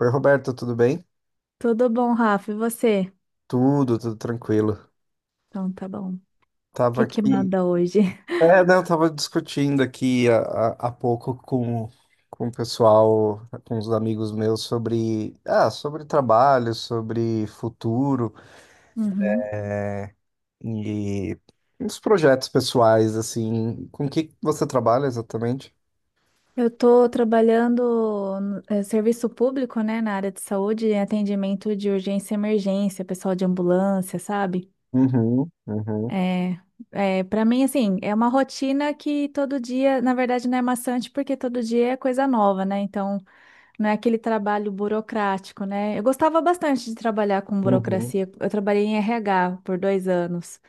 Oi, Roberto, tudo bem? Tudo bom, Rafa? E você? Tudo tranquilo. Então, tá bom. O Tava que que aqui. manda hoje? Não, tava discutindo aqui há pouco com o pessoal, com os amigos meus, sobre, sobre trabalho, sobre futuro Uhum. e uns projetos pessoais, assim. Com o que você trabalha exatamente? Eu tô trabalhando no serviço público, né, na área de saúde, em atendimento de urgência e emergência, pessoal de ambulância, sabe? Uhum, uhum, É, é, para mim, assim, é uma rotina que todo dia, na verdade, não é maçante porque todo dia é coisa nova, né? Então, não é aquele trabalho burocrático, né? Eu gostava bastante de trabalhar com uhum. burocracia. Eu trabalhei em RH por 2 anos.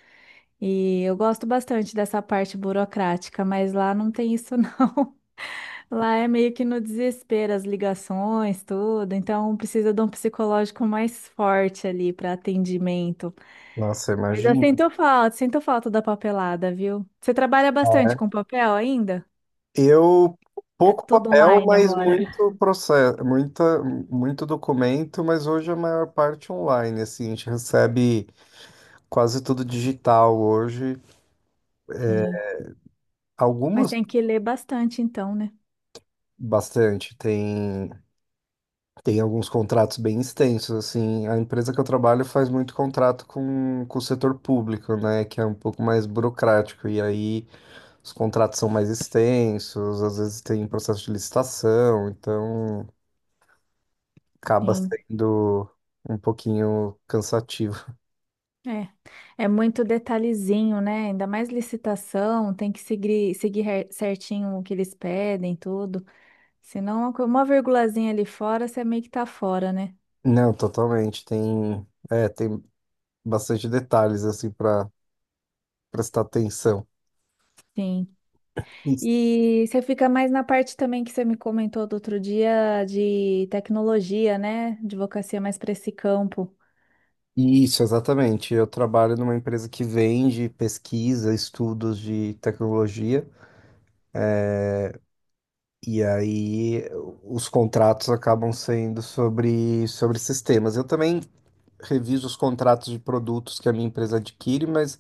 E eu gosto bastante dessa parte burocrática, mas lá não tem isso não. Lá é meio que no desespero as ligações, tudo, então precisa de um psicológico mais forte ali para atendimento. Nossa, Mas eu imagina. Sinto falta da papelada, viu? Você trabalha bastante com papel ainda? Eu É pouco tudo papel, online mas agora. muito processo, muito documento, mas hoje a maior parte online, assim, a gente recebe quase tudo digital hoje. Sim, mas Algumas tem que ler bastante então, né? bastante, tem alguns contratos bem extensos, assim. A empresa que eu trabalho faz muito contrato com o setor público, né, que é um pouco mais burocrático e aí os contratos são mais extensos, às vezes tem processo de licitação, então acaba Sim. sendo um pouquinho cansativo. É, é muito detalhezinho, né? Ainda mais licitação, tem que seguir, certinho o que eles pedem, tudo. Senão, uma virgulazinha ali fora, você meio que tá fora, né? Não, totalmente. Tem, é, tem bastante detalhes assim para prestar atenção. Sim. Isso, E você fica mais na parte também que você me comentou do outro dia de tecnologia, né? Advocacia mais para esse campo. Isso, exatamente. Eu trabalho numa empresa que vende pesquisa, estudos de tecnologia, e aí os contratos acabam sendo sobre sistemas. Eu também reviso os contratos de produtos que a minha empresa adquire, mas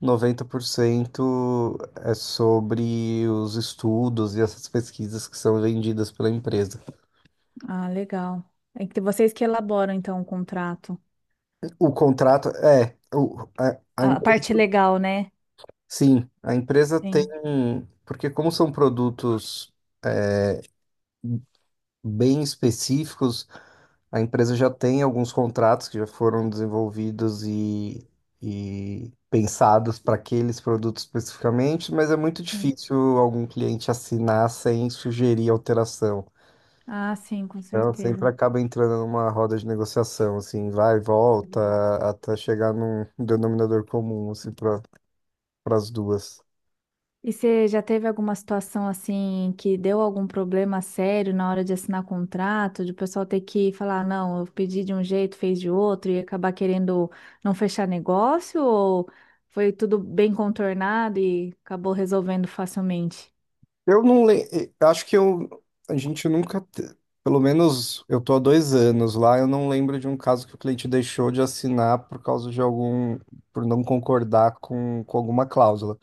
90% é sobre os estudos e essas pesquisas que são vendidas pela empresa. Ah, legal. É que vocês que elaboram, então, o contrato. O contrato é, a A parte legal, né? sim, a empresa tem, Sim. porque como são produtos bem específicos, a empresa já tem alguns contratos que já foram desenvolvidos e pensados para aqueles produtos especificamente, mas é muito Sim. difícil algum cliente assinar sem sugerir alteração. Ah, sim, com Ela certeza. sempre acaba entrando numa roda de negociação, assim, vai e volta, até chegar num denominador comum, assim, para as duas. E você já teve alguma situação assim que deu algum problema sério na hora de assinar contrato, de o pessoal ter que falar, não, eu pedi de um jeito, fez de outro, e acabar querendo não fechar negócio, ou foi tudo bem contornado e acabou resolvendo facilmente? Eu não lembro, acho que eu, a gente nunca, pelo menos eu tô há 2 anos lá, eu não lembro de um caso que o cliente deixou de assinar por causa de algum, por não concordar com alguma cláusula.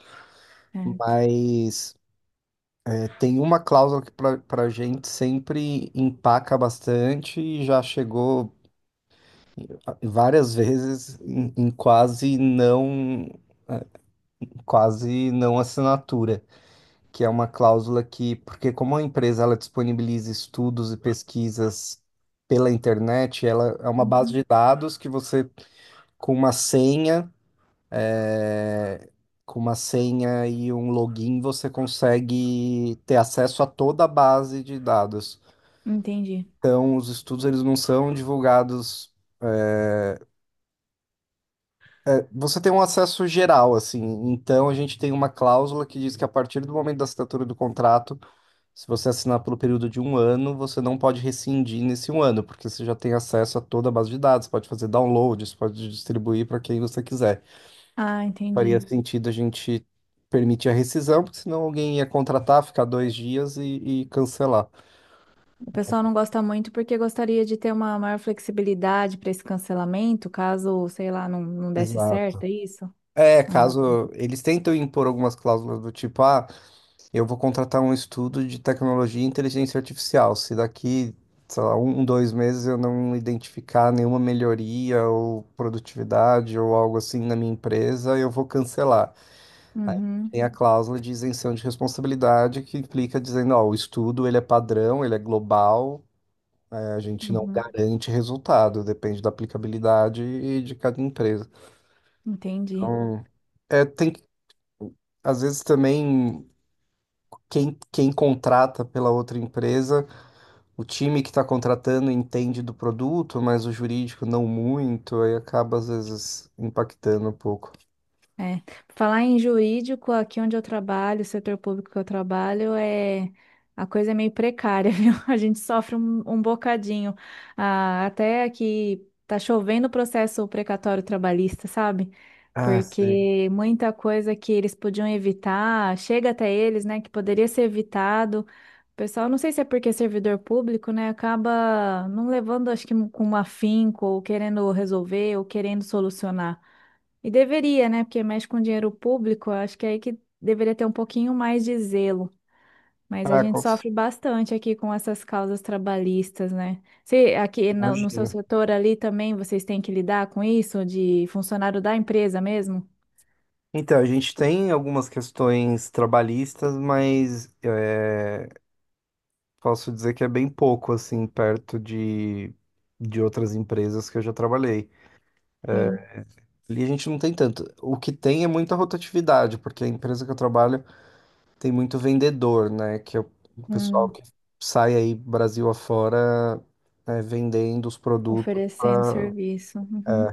Certo. Mas é, tem uma cláusula que para a gente sempre empaca bastante e já chegou várias vezes em, em quase não assinatura, que é uma cláusula que, porque como a empresa ela disponibiliza estudos e pesquisas pela internet, ela é uma base Uhum. de dados que você com uma senha, eh, com uma senha e um login você consegue ter acesso a toda a base de dados. Entendi. Então, os estudos eles não são divulgados. Você tem um acesso geral, assim. Então, a gente tem uma cláusula que diz que a partir do momento da assinatura do contrato, se você assinar pelo período de um ano, você não pode rescindir nesse um ano, porque você já tem acesso a toda a base de dados, pode fazer downloads, pode distribuir para quem você quiser. Ah, Faria entendi. sentido a gente permitir a rescisão, porque senão alguém ia contratar, ficar 2 dias e cancelar. O pessoal não gosta muito porque gostaria de ter uma maior flexibilidade para esse cancelamento, caso, sei lá, não desse Exato. certo, é isso? É, Ah. caso eles tentam impor algumas cláusulas do tipo, ah. Eu vou contratar um estudo de tecnologia e inteligência artificial. Se daqui, sei lá, um, 2 meses eu não identificar nenhuma melhoria ou produtividade ou algo assim na minha empresa, eu vou cancelar. Aí Uhum, tem a cláusula de isenção de responsabilidade que implica dizendo, ó, o estudo ele é padrão, ele é global, né, a gente não uhum. garante resultado, depende da aplicabilidade e de cada empresa. Entendi. Então, é, tem, às vezes também quem, quem contrata pela outra empresa. O time que está contratando entende do produto, mas o jurídico não muito, aí acaba às vezes impactando um pouco. É. Falar em jurídico, aqui onde eu trabalho, o setor público que eu trabalho, a coisa é meio precária, viu? A gente sofre um bocadinho. Ah, até que tá chovendo o processo precatório trabalhista, sabe? Ah, sim. Porque muita coisa que eles podiam evitar, chega até eles, né, que poderia ser evitado. O pessoal, não sei se é porque é servidor público, né, acaba não levando, acho que com um afinco, ou querendo resolver, ou querendo solucionar. E deveria, né? Porque mexe com dinheiro público, eu acho que é aí que deveria ter um pouquinho mais de zelo. Mas a Ah, gente sofre bastante aqui com essas causas trabalhistas, né? Se aqui no seu imagino. setor ali também vocês têm que lidar com isso, de funcionário da empresa mesmo? Então, a gente tem algumas questões trabalhistas, mas é, posso dizer que é bem pouco, assim, perto de outras empresas que eu já trabalhei. Sim. Ali a gente não tem tanto. O que tem é muita rotatividade, porque a empresa que eu trabalho tem muito vendedor, né? Que é o pessoal Hum, que sai aí Brasil afora, né, vendendo os produtos. oferecendo serviço. Uhum.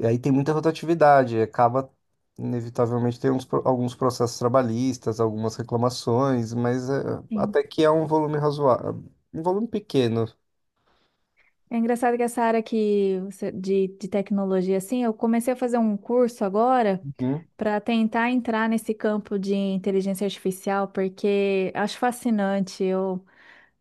E aí tem muita rotatividade, acaba inevitavelmente tem uns, alguns processos trabalhistas, algumas reclamações, mas é, Sim. até que é um volume razoável, um volume pequeno. É engraçado que essa área de tecnologia, assim, eu comecei a fazer um curso agora Uhum, para tentar entrar nesse campo de inteligência artificial, porque acho fascinante.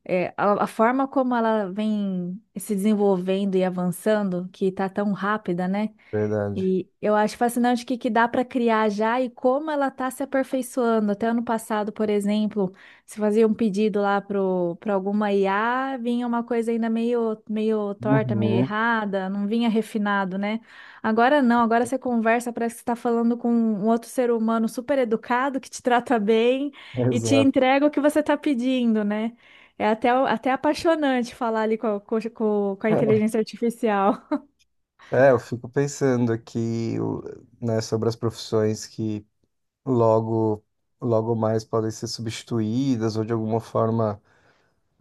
É, a forma como ela vem se desenvolvendo e avançando, que está tão rápida, né? verdade. E eu acho fascinante o que, que dá para criar já e como ela está se aperfeiçoando. Até ano passado, por exemplo, se fazia um pedido lá para alguma IA, vinha uma coisa ainda meio torta, meio Uhum, errada, não vinha refinado, né? Agora não, agora você conversa, parece que você está falando com um outro ser humano super educado que te trata bem e te exato. entrega o que você está pedindo, né? É até apaixonante falar ali a com a inteligência artificial. É, eu fico pensando aqui, né, sobre as profissões que logo, logo mais podem ser substituídas ou de alguma forma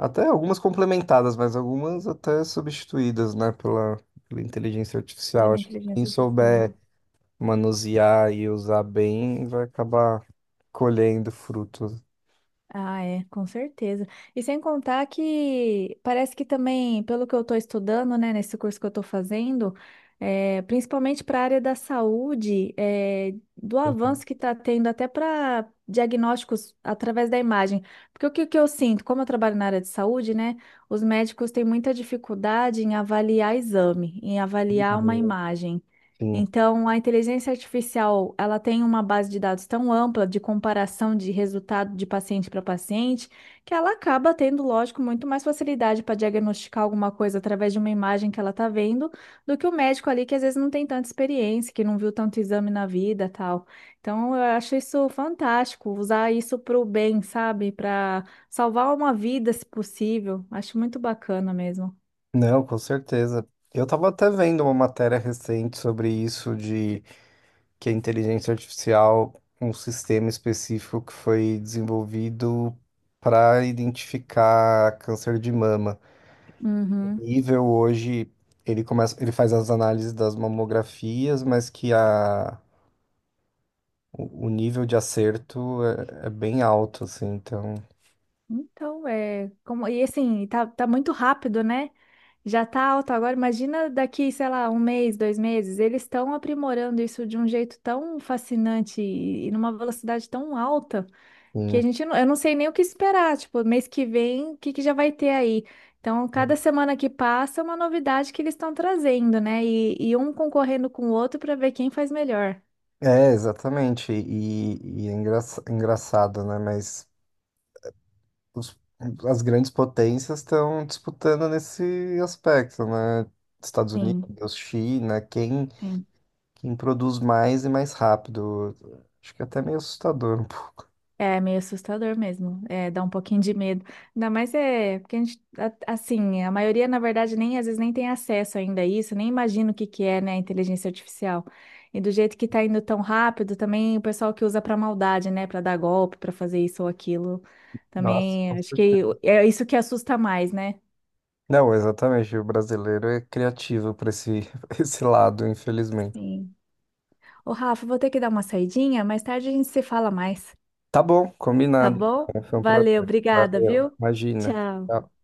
até algumas complementadas, mas algumas até substituídas, né, pela, pela inteligência artificial. Pela Acho que quem inteligência artificial, souber manusear e usar bem vai acabar colhendo frutos. ah, é, com certeza. E sem contar que parece que também, pelo que eu estou estudando, né, nesse curso que eu estou fazendo, é, principalmente para a área da saúde, é, do avanço que está tendo até para diagnósticos através da imagem. Porque o que, que eu sinto, como eu trabalho na área de saúde, né, os médicos têm muita dificuldade em avaliar exame, em avaliar uma imagem. Sim. Então, a inteligência artificial, ela tem uma base de dados tão ampla de comparação de resultado de paciente para paciente, que ela acaba tendo, lógico, muito mais facilidade para diagnosticar alguma coisa através de uma imagem que ela está vendo, do que o médico ali que às vezes não tem tanta experiência, que não viu tanto exame na vida, tal. Então, eu acho isso fantástico, usar isso para o bem, sabe? Para salvar uma vida, se possível. Acho muito bacana mesmo. Não, com certeza. Eu estava até vendo uma matéria recente sobre isso, de que a inteligência artificial, um sistema específico que foi desenvolvido para identificar câncer de mama. Uhum. Nível hoje, ele começa, ele faz as análises das mamografias, mas que a, o nível de acerto é, é bem alto, assim, então, Então, é, como, e assim, tá muito rápido, né? Já tá alto agora. Imagina daqui, sei lá, 1 mês, 2 meses. Eles estão aprimorando isso de um jeito tão fascinante e numa velocidade tão alta que a sim. gente não, eu não sei nem o que esperar. Tipo, mês que vem, o que que já vai ter aí? Então, cada semana que passa é uma novidade que eles estão trazendo, né? E um concorrendo com o outro para ver quem faz melhor. É, exatamente, e é engraçado, né, mas os- as grandes potências estão disputando nesse aspecto, né, Estados Sim, Unidos, China, quem, sim. quem produz mais e mais rápido, acho que é até meio assustador um pouco. É meio assustador mesmo, é, dá um pouquinho de medo. Ainda mais é, porque assim, a maioria, na verdade, nem às vezes nem tem acesso ainda a isso, nem imagina o que que é, né, a inteligência artificial. E do jeito que tá indo tão rápido, também o pessoal que usa pra maldade, né, pra dar golpe, pra fazer isso ou aquilo, Nossa, também acho que é isso que assusta mais, né? não, exatamente. O brasileiro é criativo para esse, esse lado, infelizmente. Sim. Ô, Rafa, vou ter que dar uma saidinha, mais tarde a gente se fala mais, Tá bom, tá combinado. bom? Foi um Valeu, prazer. obrigada, Valeu. viu? Imagina. Tchau. Tchau.